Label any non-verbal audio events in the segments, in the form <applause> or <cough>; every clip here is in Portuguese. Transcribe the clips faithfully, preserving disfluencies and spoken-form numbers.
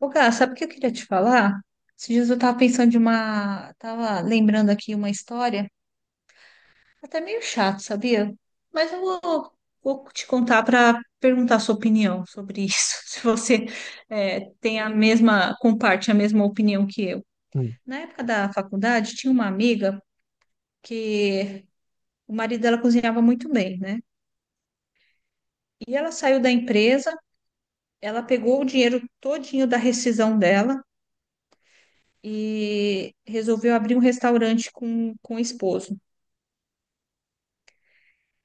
Ô, Gá, sabe o que eu queria te falar? Esses dias eu estava pensando de uma. Tava lembrando aqui uma história, até meio chato, sabia? Mas eu vou, vou te contar para perguntar a sua opinião sobre isso, <laughs> se você é, tem a mesma, comparte a mesma opinião que eu. Hum, Na época da faculdade, tinha uma amiga que o marido dela cozinhava muito bem, né? E ela saiu da empresa, ela pegou o dinheiro todinho da rescisão dela e resolveu abrir um restaurante com, com o esposo.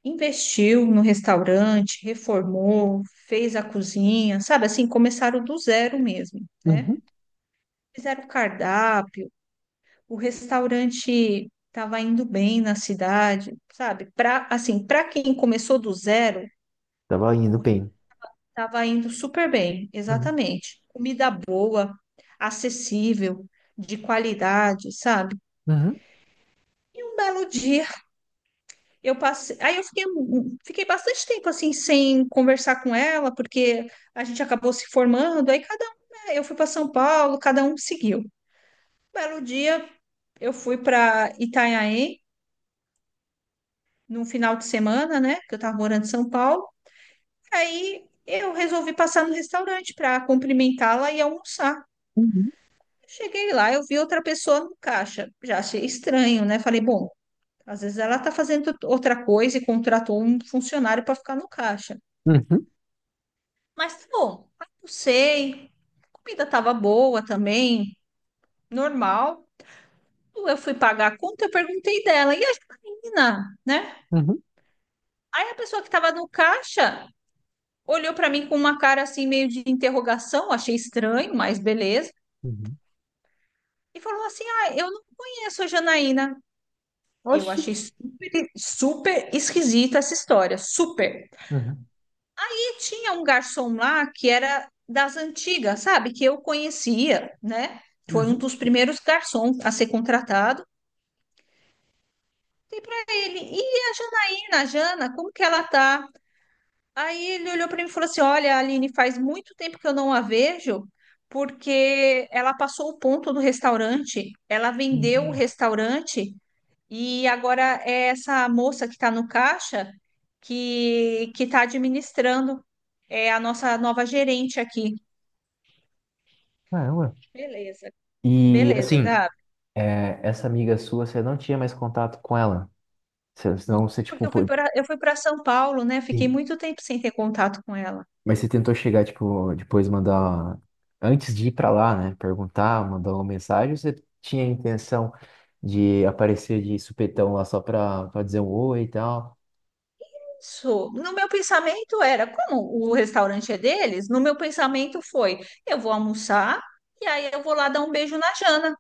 Investiu no restaurante, reformou, fez a cozinha, sabe assim, começaram do zero mesmo, né? uhum. Fizeram o cardápio, o restaurante estava indo bem na cidade, sabe? Para assim, para quem começou do zero, Tava indo bem. estava indo super bem, Uhum, exatamente. Comida boa, acessível, de qualidade, sabe? uhum, E um belo dia eu passei, aí eu fiquei, um, um, fiquei bastante tempo assim sem conversar com ela, porque a gente acabou se formando, aí cada um, né, eu fui para São Paulo, cada um seguiu. Um belo dia, eu fui para Itanhaém num final de semana, né, que eu estava morando em São Paulo. Aí eu resolvi passar no restaurante para cumprimentá-la e almoçar. uhum, Cheguei lá, eu vi outra pessoa no caixa. Já achei estranho, né? Falei, bom, às vezes ela está fazendo outra coisa e contratou um funcionário para ficar no caixa. uhum, Mas, pô, almocei, comida tava boa também, normal. Eu fui pagar a conta, eu perguntei dela, e a menina, né? uhum, Aí a pessoa que tava no caixa olhou pra mim com uma cara assim, meio de interrogação, achei estranho, mas beleza. uhum. E falou assim: "Ah, eu não conheço a Janaína". Eu Oxi. achei super, super esquisita essa história, super. Uhum, Tinha um garçom lá que era das antigas, sabe? Que eu conhecia, né? Foi um uhum, dos primeiros garçons a ser contratado. Dei para ele, e a Janaína, a Jana, como que ela tá? Aí ele olhou para mim e falou assim: "Olha, Aline, faz muito tempo que eu não a vejo, porque ela passou o ponto do restaurante, ela vendeu o uhum. restaurante, e agora é essa moça que está no caixa que que está administrando, é a nossa nova gerente aqui". Caramba. Beleza, E beleza, assim, Gabi. é, essa amiga sua, você não tinha mais contato com ela. Você- Senão você, É. Porque tipo, eu fui pô- para eu fui para São Paulo, né? Fiquei Sim. muito tempo sem ter contato com ela. Mas você tentou chegar, tipo, depois mandar. Antes de ir pra lá, né? Perguntar, mandar uma mensagem, ou você tinha a intenção de aparecer de supetão lá só pra, pra dizer um oi e tal. Isso. No meu pensamento era, como o restaurante é deles, no meu pensamento foi, eu vou almoçar e aí eu vou lá dar um beijo na Jana,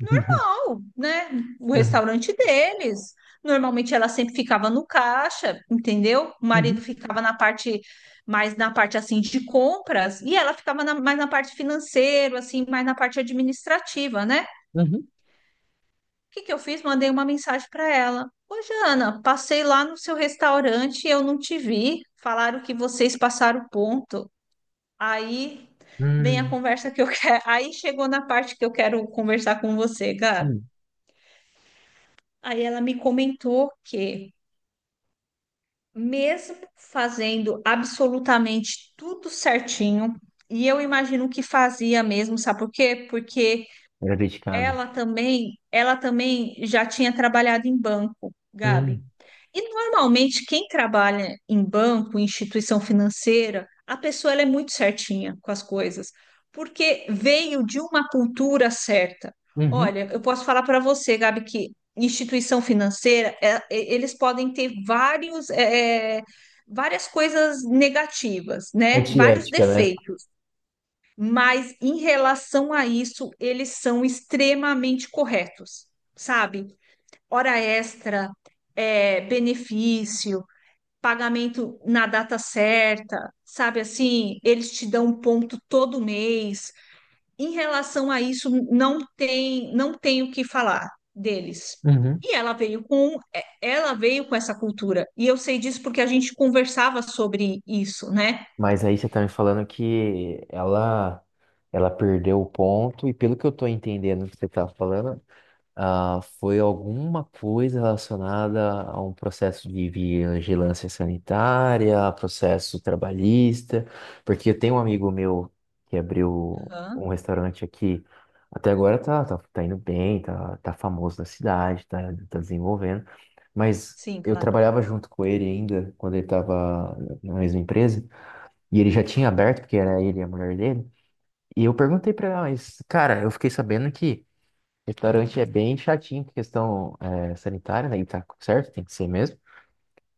<laughs> ó, né? O Uhum, restaurante deles. Normalmente ela sempre ficava no caixa, entendeu? O uhum, marido ficava na parte mais na parte assim de compras e ela ficava na- mais na parte financeira, assim, mais na parte administrativa, né? uhum, O que que eu fiz? Mandei uma mensagem para ela. Ô, Jana, passei lá no seu restaurante e eu não te vi. Falaram que vocês passaram o ponto. Aí uhum. vem a Hum. conversa que eu <laughs> quero. Aí chegou na parte que eu quero conversar com você, Gabi. Hum. Aí ela me comentou que, mesmo fazendo absolutamente tudo certinho, e eu imagino que fazia mesmo, sabe por quê? Porque Graviticado. ela também, ela também já tinha trabalhado em banco, Gabi. Hum. E normalmente quem trabalha em banco, em instituição financeira, a pessoa ela é muito certinha com as coisas, porque veio de uma cultura certa. Uhum. Olha, eu posso falar para você, Gabi, que instituição financeira, é- é- eles podem ter vários, é, é, várias coisas negativas, né? Vários Antiética, né? defeitos, mas em relação a isso, eles são extremamente corretos, sabe? Hora extra, é, benefício, pagamento na data certa, sabe assim, eles te dão um ponto todo mês. Em relação a isso, não tem, não tem o que falar deles. Uhum. E ela veio com, é, ela veio com essa cultura. E eu sei disso porque a gente conversava sobre isso, né? Mas aí você tá me falando que ela, ela perdeu o ponto, e pelo que eu tô entendendo que você tá falando, ah, foi alguma coisa relacionada a um processo de vigilância sanitária, processo trabalhista, porque eu tenho um amigo meu que abriu Aham. um restaurante aqui, até agora tá, tá, tá indo bem, tá, tá famoso na cidade, tá, tá desenvolvendo, mas Sim, eu claro. trabalhava junto com ele ainda, quando ele estava na mesma empresa, e ele já tinha aberto, porque era ele e a mulher dele, e eu perguntei pra ela, mas, cara, eu fiquei sabendo que restaurante é bem chatinho com questão eh, sanitária, né? E tá certo, tem que ser mesmo.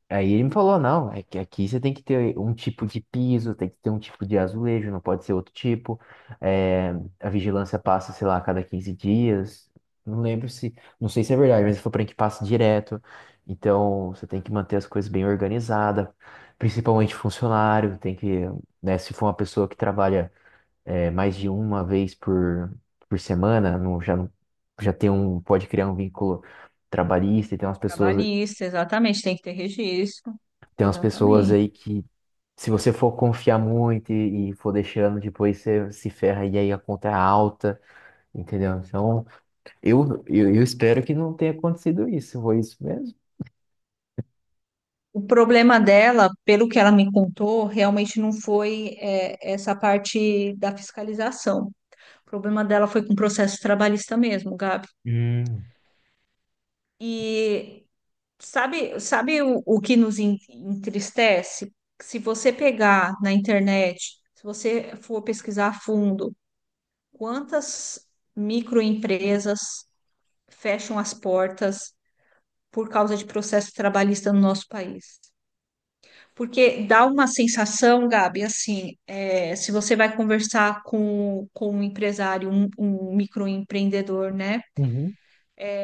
Aí ele me falou, não, é que aqui você tem que ter um tipo de piso, tem que ter um tipo de azulejo, não pode ser outro tipo. Eh, a vigilância passa, sei lá, a cada quinze dias. Não lembro se, não sei se é verdade, mas ele falou pra mim que passa direto. Então, você tem que manter as coisas bem organizadas, principalmente funcionário, tem que, né, se for uma pessoa que trabalha é, mais de uma vez por, por, semana, não, já, não- já tem um, pode criar um vínculo trabalhista e tem umas pessoas, Trabalhista, exatamente, tem que ter registro. tem umas pessoas Exatamente. aí que se você for confiar muito e, e for deixando, depois você se ferra e aí a conta é alta, entendeu? Então, eu, eu, eu espero que não tenha acontecido isso, foi isso mesmo? O problema dela, pelo que ela me contou, realmente não foi, é, essa parte da fiscalização. O problema dela foi com o processo trabalhista mesmo, Gabi. Hum, E sabe, sabe o, o que nos en- entristece? Se você pegar na internet, se você for pesquisar a fundo, quantas microempresas fecham as portas por causa de processo trabalhista no nosso país? Porque dá uma sensação, Gabi, assim, é, se você vai conversar com, com um empresário, um, um microempreendedor, né? uhum.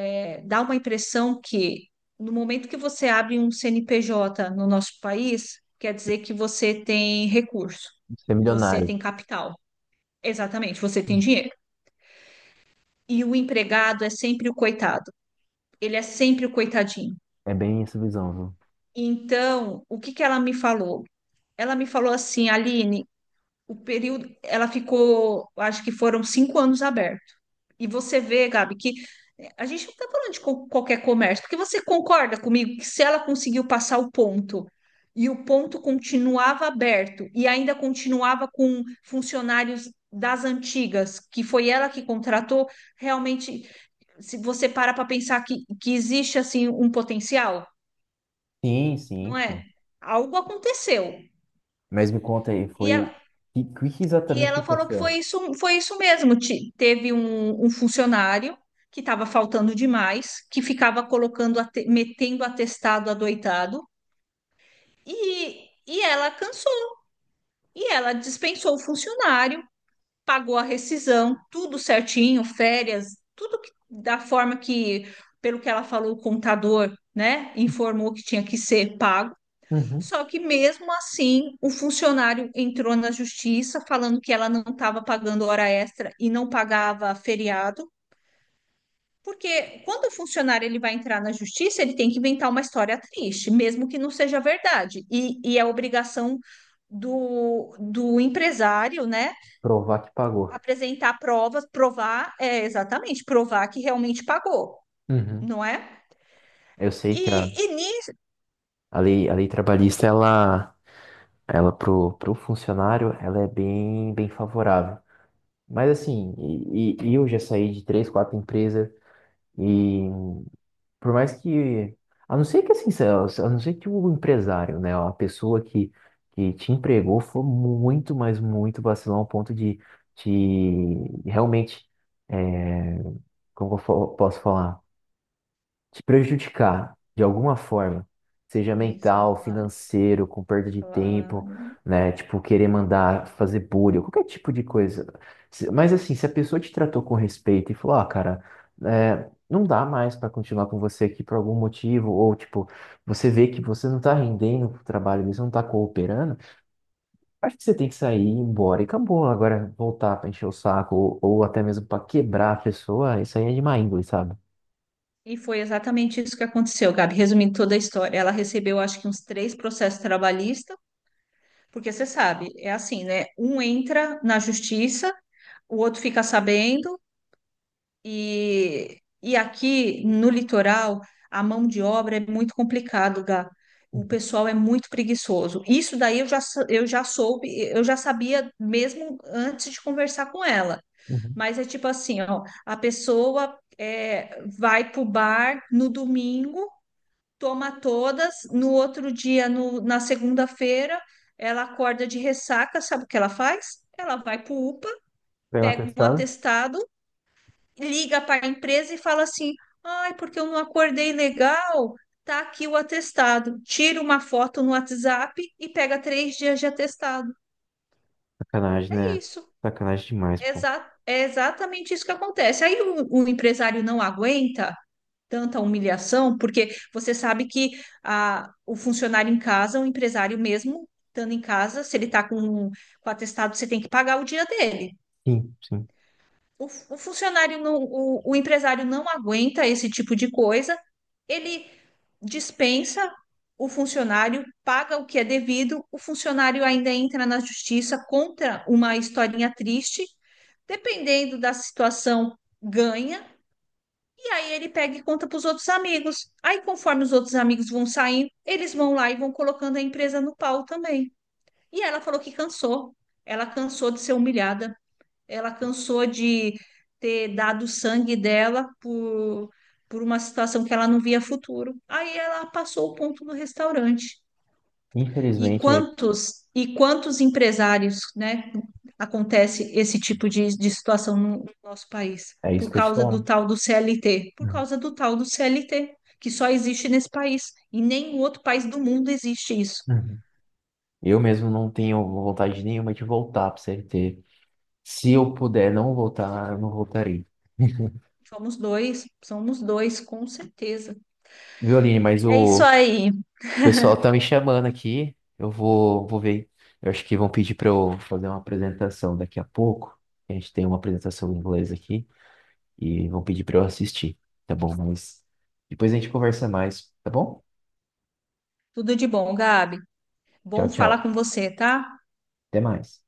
É, dá uma impressão que no momento que você abre um C N P J no nosso país, quer dizer que você tem recurso, Ser você milionário. tem capital. Exatamente, você tem dinheiro. E o empregado é sempre o coitado, ele é sempre o coitadinho. É bem essa visão, viu? Então, o que que ela me falou? Ela me falou assim, Aline, o período, ela ficou, acho que foram cinco anos aberto. E você vê, Gabi, que eh, a gente não está falando de co- qualquer comércio, porque você concorda comigo que se ela conseguiu passar o ponto e o ponto continuava aberto e ainda continuava com funcionários das antigas, que foi ela que contratou, realmente, se você para para pensar que, que existe assim um potencial, Sim, sim, não pô. é? Algo aconteceu. Mas me conta aí, E, foi. a- O que, que E exatamente ela falou que aconteceu? foi isso, foi isso mesmo. Ti- Teve um, um funcionário que estava faltando demais, que ficava colocando, ate- metendo atestado adoitado, e, e ela cansou. E ela dispensou o funcionário, pagou a rescisão, tudo certinho, férias, tudo que- da forma que, pelo que ela falou, o contador, né, informou que tinha que ser pago. Uhum. Só que mesmo assim, o funcionário entrou na justiça falando que ela não estava pagando hora extra e não pagava feriado, porque quando o funcionário ele vai entrar na justiça, ele tem que inventar uma história triste, mesmo que não seja verdade. E, e é obrigação do, do empresário, né, Provar que pagou. apresentar provas, provar, é, exatamente, provar que realmente pagou, Uhum. não é? Eu sei E, que a, e nisso. a lei, a lei trabalhista, ela, ela pro, pro funcionário, ela é bem, bem favorável. Mas assim, e, e- e eu já saí de três, quatro empresas e por mais que, a não ser que assim, se- a não ser que o empresário, né, a pessoa que, que te empregou foi muito, mas muito vacilão ao ponto de te realmente, é, como eu fo- posso falar? Te prejudicar de alguma forma, seja Sim, sim, mental, claro, financeiro, com perda de tempo, claro. né? Tipo, querer mandar fazer bullying, qualquer tipo de coisa. Se- Mas assim, se a pessoa te tratou com respeito e falou, ah, cara, é, não dá mais para continuar com você aqui por algum motivo, ou tipo, você vê que você não tá rendendo pro trabalho, você não tá cooperando, acho que você tem que sair, ir embora e acabou. Agora, voltar para encher o saco, ou, ou até mesmo para quebrar a pessoa, isso aí é de má índole, sabe? E foi exatamente isso que aconteceu, Gabi. Resumindo toda a história, ela recebeu acho que uns três processos trabalhistas, porque você sabe, é assim, né? Um entra na justiça, o outro fica sabendo, e, e aqui no litoral a mão de obra é muito complicado, Gá. O pessoal é muito preguiçoso. Isso daí eu já, sa- eu já soube, eu já sabia mesmo antes de conversar com ela. Uhum. Mas é tipo assim, ó, a pessoa é, vai pro bar no domingo, toma todas, no outro dia, no- na segunda-feira, ela acorda de ressaca, sabe o que ela faz? Ela vai para o U P A, Pega uma pega um testada. atestado, liga para a empresa e fala assim: "Ai, porque eu não acordei legal, tá aqui o atestado". Tira uma foto no WhatsApp e pega três dias de atestado. Sacanagem, É né? isso. Sacanagem demais, É pô. exa- é exatamente isso que acontece. Aí o o empresário não aguenta tanta humilhação, porque você sabe que a, o funcionário em casa, o empresário mesmo, estando em casa, se ele está com, com atestado, você tem que pagar o dia dele. Sim, sim. O, fu- o funcionário, não, o, o empresário não aguenta esse tipo de coisa, ele dispensa o funcionário, paga o que é devido, o funcionário ainda entra na justiça contra uma historinha triste, dependendo da situação, ganha e aí ele pega e conta para os outros amigos. Aí, conforme os outros amigos vão saindo, eles vão lá e vão colocando a empresa no pau também. E ela falou que cansou. Ela cansou de ser humilhada. Ela cansou de ter dado o sangue dela por, por uma situação que ela não via futuro. Aí ela passou o ponto no restaurante. E Infelizmente, quantos e quantos empresários, né, acontece esse tipo de, de situação no nosso país é isso por que eu te causa do falo. tal do C L T, por Uhum. causa do tal do C L T que só existe nesse país e nenhum outro país do mundo existe isso. Uhum. Eu mesmo não tenho vontade nenhuma de voltar pro C L T. Se eu puder não voltar, eu não voltarei. <laughs> Somos dois, somos dois, com certeza. Viu, Aline? Mas É isso o aí. pessoal tá me chamando aqui. Eu vou, vou ver. Eu acho que vão pedir para eu fazer uma apresentação daqui a pouco. A gente tem uma apresentação em inglês aqui e vão pedir para eu assistir, tá bom? Mas depois a gente conversa mais, tá bom? Tudo de bom, Gabi. Tchau, Bom falar tchau. com você, tá? Até mais.